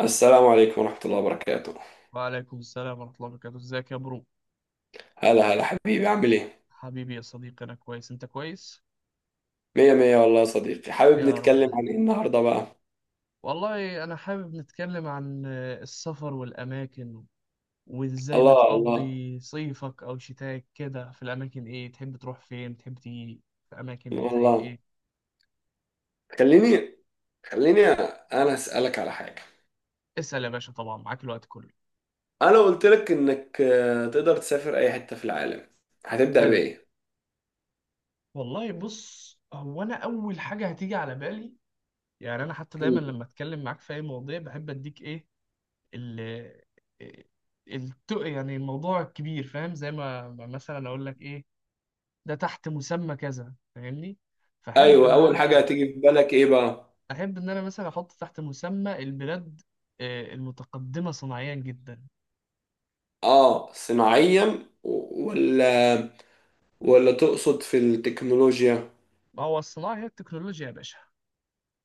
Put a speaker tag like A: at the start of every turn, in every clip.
A: السلام عليكم ورحمة الله وبركاته.
B: وعليكم السلام ورحمة الله وبركاته. ازيك يا برو؟
A: هلا هلا حبيبي، عامل ايه؟
B: حبيبي يا صديقي، أنا كويس، أنت كويس؟
A: مية مية والله يا صديقي، حابب
B: يا رب
A: نتكلم
B: دايما.
A: عن ايه النهاردة بقى؟
B: والله أنا حابب نتكلم عن السفر والأماكن، وإزاي
A: الله الله
B: بتقضي صيفك أو شتاك كده. في الأماكن إيه تحب تروح؟ فين تحب تيجي؟ في أماكن إيه؟ زي
A: الله.
B: إيه؟
A: خليني خليني انا اسألك على حاجة.
B: اسأل يا باشا، طبعا معاك الوقت كله.
A: انا قلت لك انك تقدر تسافر اي حتة في العالم، هتبدأ
B: حلو.
A: بإيه؟
B: والله بص، هو أنا أول حاجة هتيجي على بالي، يعني أنا حتى دايما
A: مم.
B: لما أتكلم معاك في أي مواضيع بحب أديك إيه، ال يعني الموضوع كبير، فاهم؟ زي ما مثلا اقول لك ايه، ده تحت مسمى كذا، فاهمني؟ فاحب
A: ايوه،
B: ان
A: اول حاجة
B: انا
A: هتيجي في بالك ايه بقى؟
B: احب ان انا مثلا احط تحت مسمى البلاد المتقدمة صناعيا جدا.
A: اه، صناعيا ولا تقصد في التكنولوجيا؟
B: ما هو الصناعة هي التكنولوجيا يا باشا.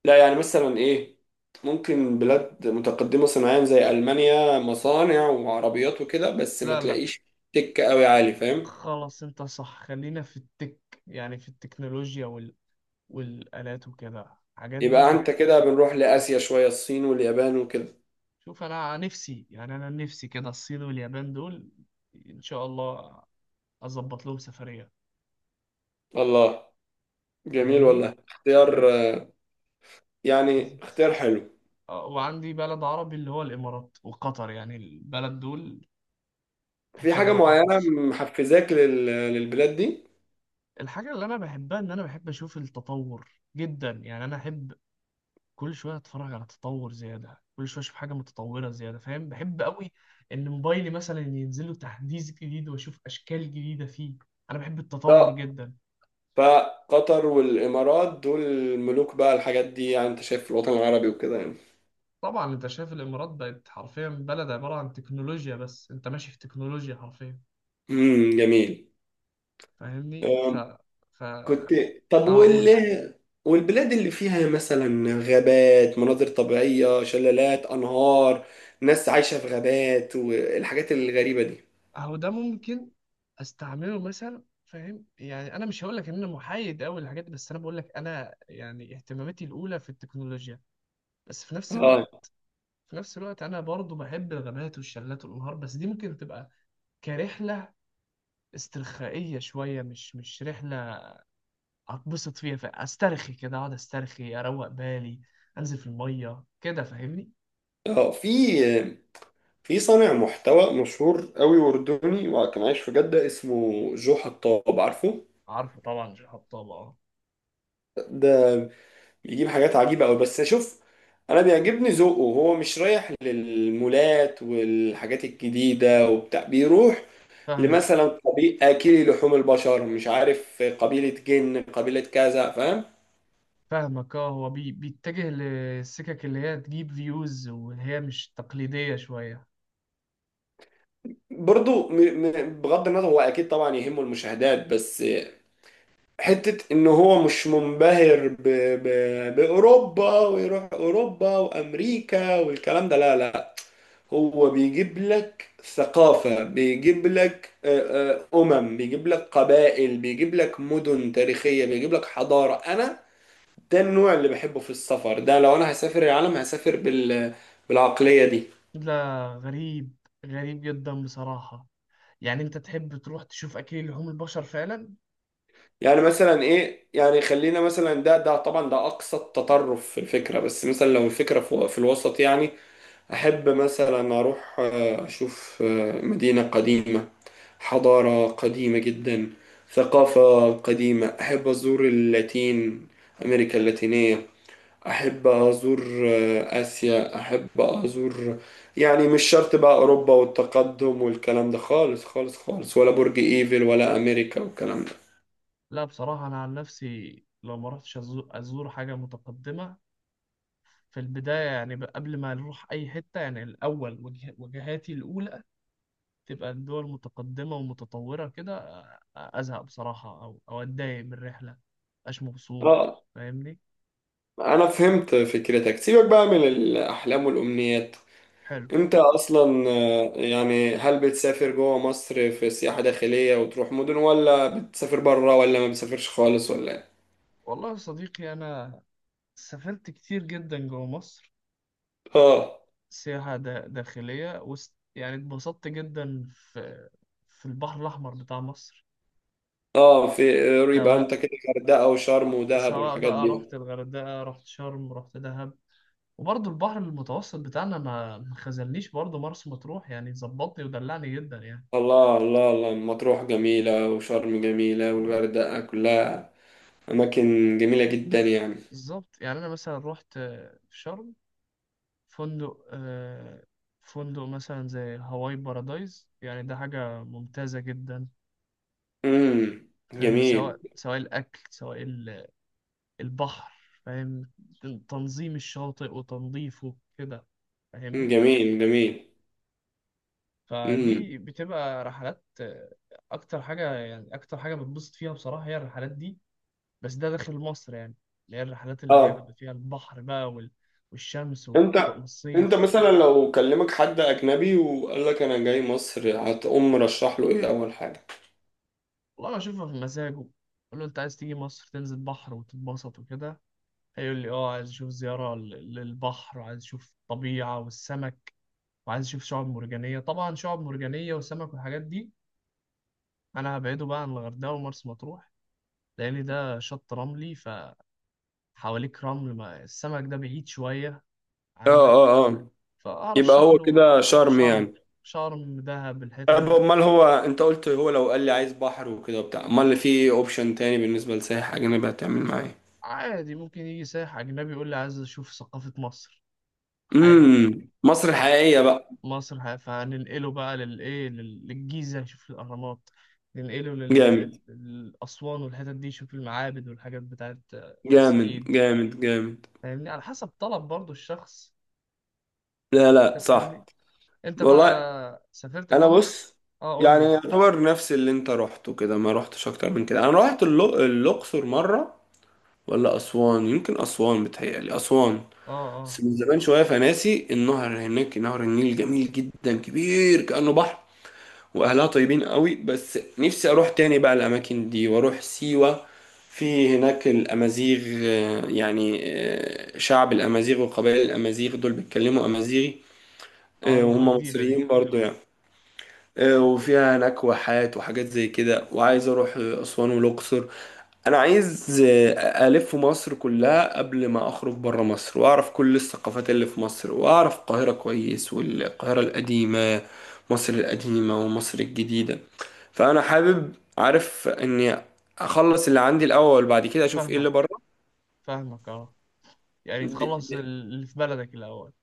A: لا يعني مثلا ايه، ممكن بلاد متقدمة صناعيا زي ألمانيا، مصانع وعربيات وكده، بس ما
B: لا لا،
A: تلاقيش تك قوي عالي، فاهم.
B: خلاص انت صح، خلينا في التك، يعني في التكنولوجيا والآلات وكده، الحاجات دي
A: يبقى انت كده بنروح
B: بتبسط.
A: لآسيا شوية، الصين واليابان وكده.
B: شوف، انا نفسي يعني انا نفسي كده الصين واليابان دول، ان شاء الله اظبط لهم سفريه،
A: الله، جميل
B: فاهمني؟
A: والله اختيار،
B: و-
A: يعني
B: بالظبط.
A: اختيار حلو.
B: وعندي بلد عربي اللي هو الامارات وقطر، يعني البلد دول
A: في
B: محتاج
A: حاجة
B: اروح
A: معينة
B: ابص.
A: محفزاك للبلاد دي؟
B: الحاجه اللي انا بحبها ان انا بحب اشوف التطور جدا، يعني انا احب كل شويه اتفرج على تطور زياده، كل شويه اشوف حاجه متطوره زياده، فاهم؟ بحب قوي ان موبايلي مثلا ينزل له تحديث جديد واشوف اشكال جديده فيه، انا بحب التطور
A: اه،
B: جدا.
A: فقطر والإمارات دول ملوك بقى الحاجات دي، يعني انت شايف في الوطن العربي وكده يعني.
B: طبعا انت شايف الامارات بقت حرفيا بلد عباره عن تكنولوجيا بس، انت ماشي في تكنولوجيا حرفيا،
A: امم، جميل.
B: فاهمني؟ ف
A: آه،
B: ف
A: كنت
B: آه،
A: طب
B: اقول،
A: والبلاد اللي فيها مثلا غابات، مناظر طبيعية، شلالات، أنهار، ناس عايشة في غابات والحاجات الغريبة دي.
B: اهو ده ممكن استعمله مثلا، فاهم؟ يعني انا مش هقول لك ان انا محايد قوي للحاجات دي، بس انا بقول لك انا يعني اهتماماتي الاولى في التكنولوجيا، بس في نفس
A: اه،
B: الوقت، انا برضو بحب الغابات والشلالات والانهار، بس دي ممكن تبقى كرحله استرخائيه شويه، مش رحله اتبسط فيها، فاسترخي كده، اقعد استرخي، اروق بالي، انزل في الميه كده، فاهمني؟
A: اه، في صانع محتوى مشهور قوي أردني، وكان عايش في جدة، اسمه جو حطاب، عارفه؟
B: عارفه طبعا، شهاب طبعا.
A: ده بيجيب حاجات عجيبة قوي، بس شوف، أنا بيعجبني ذوقه. هو مش رايح للمولات والحاجات الجديدة وبتاع، بيروح
B: فاهمك،
A: لمثلا قبيل اكلي لحوم البشر، مش عارف قبيله جن، قبيله كذا، فاهم.
B: فاهمك اه، هو بيتجه للسكك اللي هي تجيب فيوز، واللي هي مش تقليدية شوية.
A: برضو بغض النظر، هو اكيد طبعا يهمه المشاهدات، بس حته ان هو مش منبهر باوروبا، ويروح اوروبا وامريكا والكلام ده، لا لا، هو بيجيب لك ثقافه، بيجيب لك بيجيب لك قبائل، بيجيب لك مدن تاريخيه، بيجيب لك حضاره. انا ده النوع اللي بحبه في السفر، ده لو انا هسافر العالم هسافر بالعقلية دي.
B: لا، غريب، غريب جدا بصراحة. يعني انت تحب تروح تشوف اكل لحوم البشر فعلا؟
A: يعني مثلا ايه، يعني خلينا مثلا، ده طبعا ده اقصى التطرف في الفكرة، بس مثلا لو الفكرة في الوسط يعني، احب مثلا اروح اشوف مدينة قديمة، حضارة قديمة جدا، ثقافة قديمة. احب ازور اللاتين، امريكا اللاتينية، احب ازور اسيا، احب ازور. يعني مش شرط بقى اوروبا والتقدم والكلام ده خالص خالص خالص، ولا برج ايفل، ولا امريكا والكلام ده.
B: لا بصراحة، انا عن نفسي لو ما رحتش ازور حاجة متقدمة في البداية، يعني قبل ما نروح اي حتة، يعني الاول وجهاتي الاولى تبقى الدول متقدمة ومتطورة كده، ازهق بصراحة، او اتضايق من الرحلة، مبقاش مبسوط،
A: اه،
B: فاهمني؟
A: انا فهمت فكرتك. سيبك بقى من الاحلام والامنيات،
B: حلو.
A: انت اصلا يعني، هل بتسافر جوه مصر في سياحة داخلية وتروح مدن، ولا بتسافر بره، ولا ما بتسافرش خالص، ولا إيه؟
B: والله يا صديقي، أنا سافرت كتير جدا جوا مصر،
A: اه،
B: سياحة داخلية يعني اتبسطت جدا في البحر الأحمر بتاع مصر.
A: اه، يبقى انت
B: سواء
A: كده غردقة وشرم ودهب والحاجات
B: بقى
A: دي.
B: رحت الغردقة، رحت شرم، رحت دهب. وبرضه البحر المتوسط بتاعنا ما خذلنيش، برضه مرسى مطروح يعني ظبطني ودلعني جدا يعني.
A: الله الله الله، مطروح جميلة، وشرم جميلة، والغردقة كلها أماكن جميلة جدا يعني.
B: بالظبط. يعني أنا مثلا رحت في شرم فندق فندق مثلا زي هواي بارادايز، يعني ده حاجة ممتازة جدا،
A: امم،
B: فاهم؟
A: جميل.
B: سواء الأكل، سواء البحر، فاهم؟ تنظيم الشاطئ وتنظيفه كده،
A: مم،
B: فاهمني؟
A: جميل جميل.
B: فدي
A: امم
B: بتبقى رحلات أكتر حاجة، يعني أكتر حاجة بتبسط فيها بصراحة هي الرحلات دي، بس ده داخل مصر يعني، اللي هي الرحلات اللي هي
A: اه،
B: بيبقى فيها البحر بقى والشمس
A: انت انت
B: والصيف.
A: مثلا لو كلمك حد أجنبي وقال لك أنا جاي مصر، هتقوم مرشح له إيه أول حاجة؟
B: والله بشوفها في مزاجه، أقول له أنت عايز تيجي مصر تنزل بحر وتتبسط وكده، هيقول لي اه، عايز اشوف زيارة للبحر، وعايز اشوف الطبيعة والسمك، وعايز اشوف شعاب مرجانيه، طبعا شعاب مرجانيه وسمك والحاجات دي، انا هبعده بقى عن الغردقه ومرسى مطروح، لان ده شط رملي، فحواليك رمل، ما السمك ده بعيد شويه
A: اه،
B: عنك،
A: اه، اه، يبقى
B: فارشح
A: هو
B: له
A: كده
B: يروح
A: شرم
B: شرم،
A: يعني.
B: شرم دهب الحتت
A: طب
B: دي.
A: امال، هو انت قلت هو لو قال لي عايز بحر وكده وبتاع، امال في اوبشن تاني بالنسبه لسايح اجنبي هتعمل معاه؟
B: عادي ممكن يجي سائح اجنبي يقول لي عايز اشوف ثقافه مصر، عادي جدا.
A: امم، مصر
B: أه.
A: الحقيقيه بقى.
B: مصر فهننقله بقى للايه للجيزه يشوف الاهرامات، ننقله
A: جامد،
B: للأسوان والحتت دي يشوف المعابد والحاجات بتاعت
A: جامد
B: الصعيد،
A: جامد جامد.
B: فاهمني؟ على حسب طلب برضو الشخص،
A: لا
B: انت
A: لا،
B: فاهمني؟
A: صح.
B: انت
A: والله،
B: بقى سافرت
A: انا
B: جوه مصر؟
A: بص،
B: اه قول
A: يعني
B: لي.
A: يعتبر نفس اللي انت رحته كده، ما رحتش اكتر من كده. انا رحت الاقصر مره ولا اسوان، يمكن اسوان، بتهيألي اسوان،
B: اه
A: بس
B: اه
A: من زمان شويه فناسي. النهر هناك، نهر النيل، جميل جدا، كبير كأنه بحر، واهلها طيبين قوي، بس نفسي اروح تاني بقى الاماكن دي واروح سيوة. في هناك الامازيغ، يعني شعب الامازيغ وقبائل الامازيغ دول بيتكلموا امازيغي،
B: اه. لغة
A: وهم
B: جديدة دي.
A: مصريين برضو يعني. وفيها هناك واحات وحاجات زي كده، وعايز اروح اسوان والاقصر. انا عايز الف مصر كلها قبل ما اخرج بره مصر، واعرف كل الثقافات اللي في مصر، واعرف القاهرة كويس، والقاهرة القديمة، مصر القديمة ومصر الجديدة. فانا حابب، عارف اني اخلص اللي عندي الاول، بعد كده اشوف ايه اللي بره.
B: فاهمك، فاهمك اه، يعني
A: دي
B: تخلص
A: دي
B: اللي في بلدك الاول.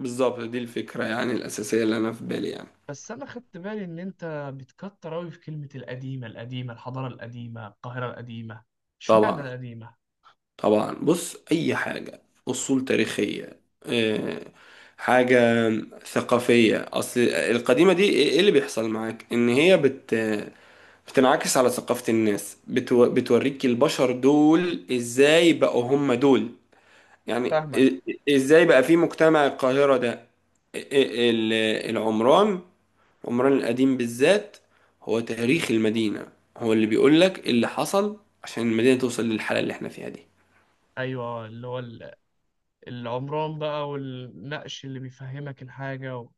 A: بالظبط دي الفكرة يعني الاساسية اللي انا في بالي يعني.
B: بس انا خدت بالي ان انت بتكتر اوي في كلمة القديمة، القديمة، الحضارة القديمة، القاهرة القديمة، اشمعنى
A: طبعا
B: القديمة؟
A: طبعا، بص اي حاجه، اصول تاريخيه، حاجه ثقافيه، اصل القديمه دي إيه اللي بيحصل معاك ان هي بتنعكس على ثقافه الناس، بتوريك البشر دول ازاي بقوا هم دول. يعني
B: فاهمك.
A: ازاي بقى في مجتمع القاهره ده، ال- ال- العمران، عمران القديم بالذات، هو تاريخ المدينه، هو اللي بيقولك اللي حصل عشان المدينه توصل للحاله اللي احنا فيها دي.
B: ايوه، اللي هو العمران بقى، والنقش اللي بيفهمك الحاجة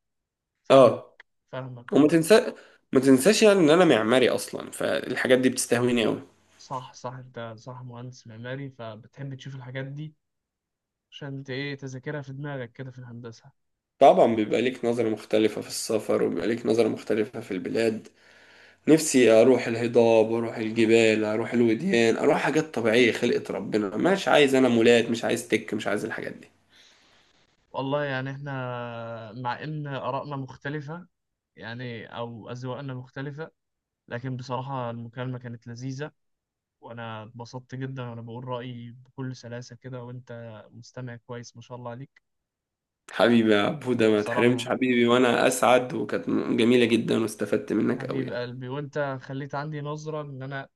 B: فاهمك،
A: اه،
B: فاهمك
A: وما
B: اه.
A: تنسى ما تنساش يعني ان انا معماري اصلا، فالحاجات دي بتستهويني قوي.
B: صح صح، انت صح، مهندس معماري، فبتحب تشوف الحاجات دي عشان انت ايه، تذاكرها في دماغك كده في الهندسة.
A: طبعا بيبقى ليك نظرة مختلفة في السفر، وبيبقى ليك نظرة مختلفة في البلاد. نفسي اروح الهضاب، اروح الجبال، اروح الوديان، اروح حاجات طبيعية خلقة ربنا، مش عايز انا مولات، مش عايز تك، مش عايز الحاجات دي.
B: والله يعني احنا مع ان آرائنا مختلفة، يعني او أذواقنا مختلفة، لكن بصراحة المكالمة كانت لذيذة، وانا اتبسطت جدا، وانا بقول رأيي بكل سلاسة كده، وانت مستمع كويس ما شاء الله عليك.
A: حبيبي يا بودا، ما تحرمش
B: وبصراحة
A: حبيبي، وانا اسعد، وكانت جميلة جدا واستفدت منك قوي
B: حبيب
A: يعني.
B: قلبي، وانت خليت عندي نظرة ان انا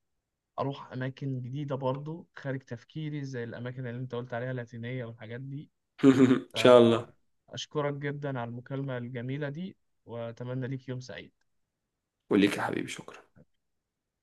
B: اروح اماكن جديدة برضو خارج تفكيري زي الاماكن اللي انت قلت عليها، اللاتينية والحاجات دي.
A: ان شاء الله.
B: أشكرك جدا على المكالمة الجميلة دي، وأتمنى ليك يوم سعيد.
A: وليك يا حبيبي، شكرا.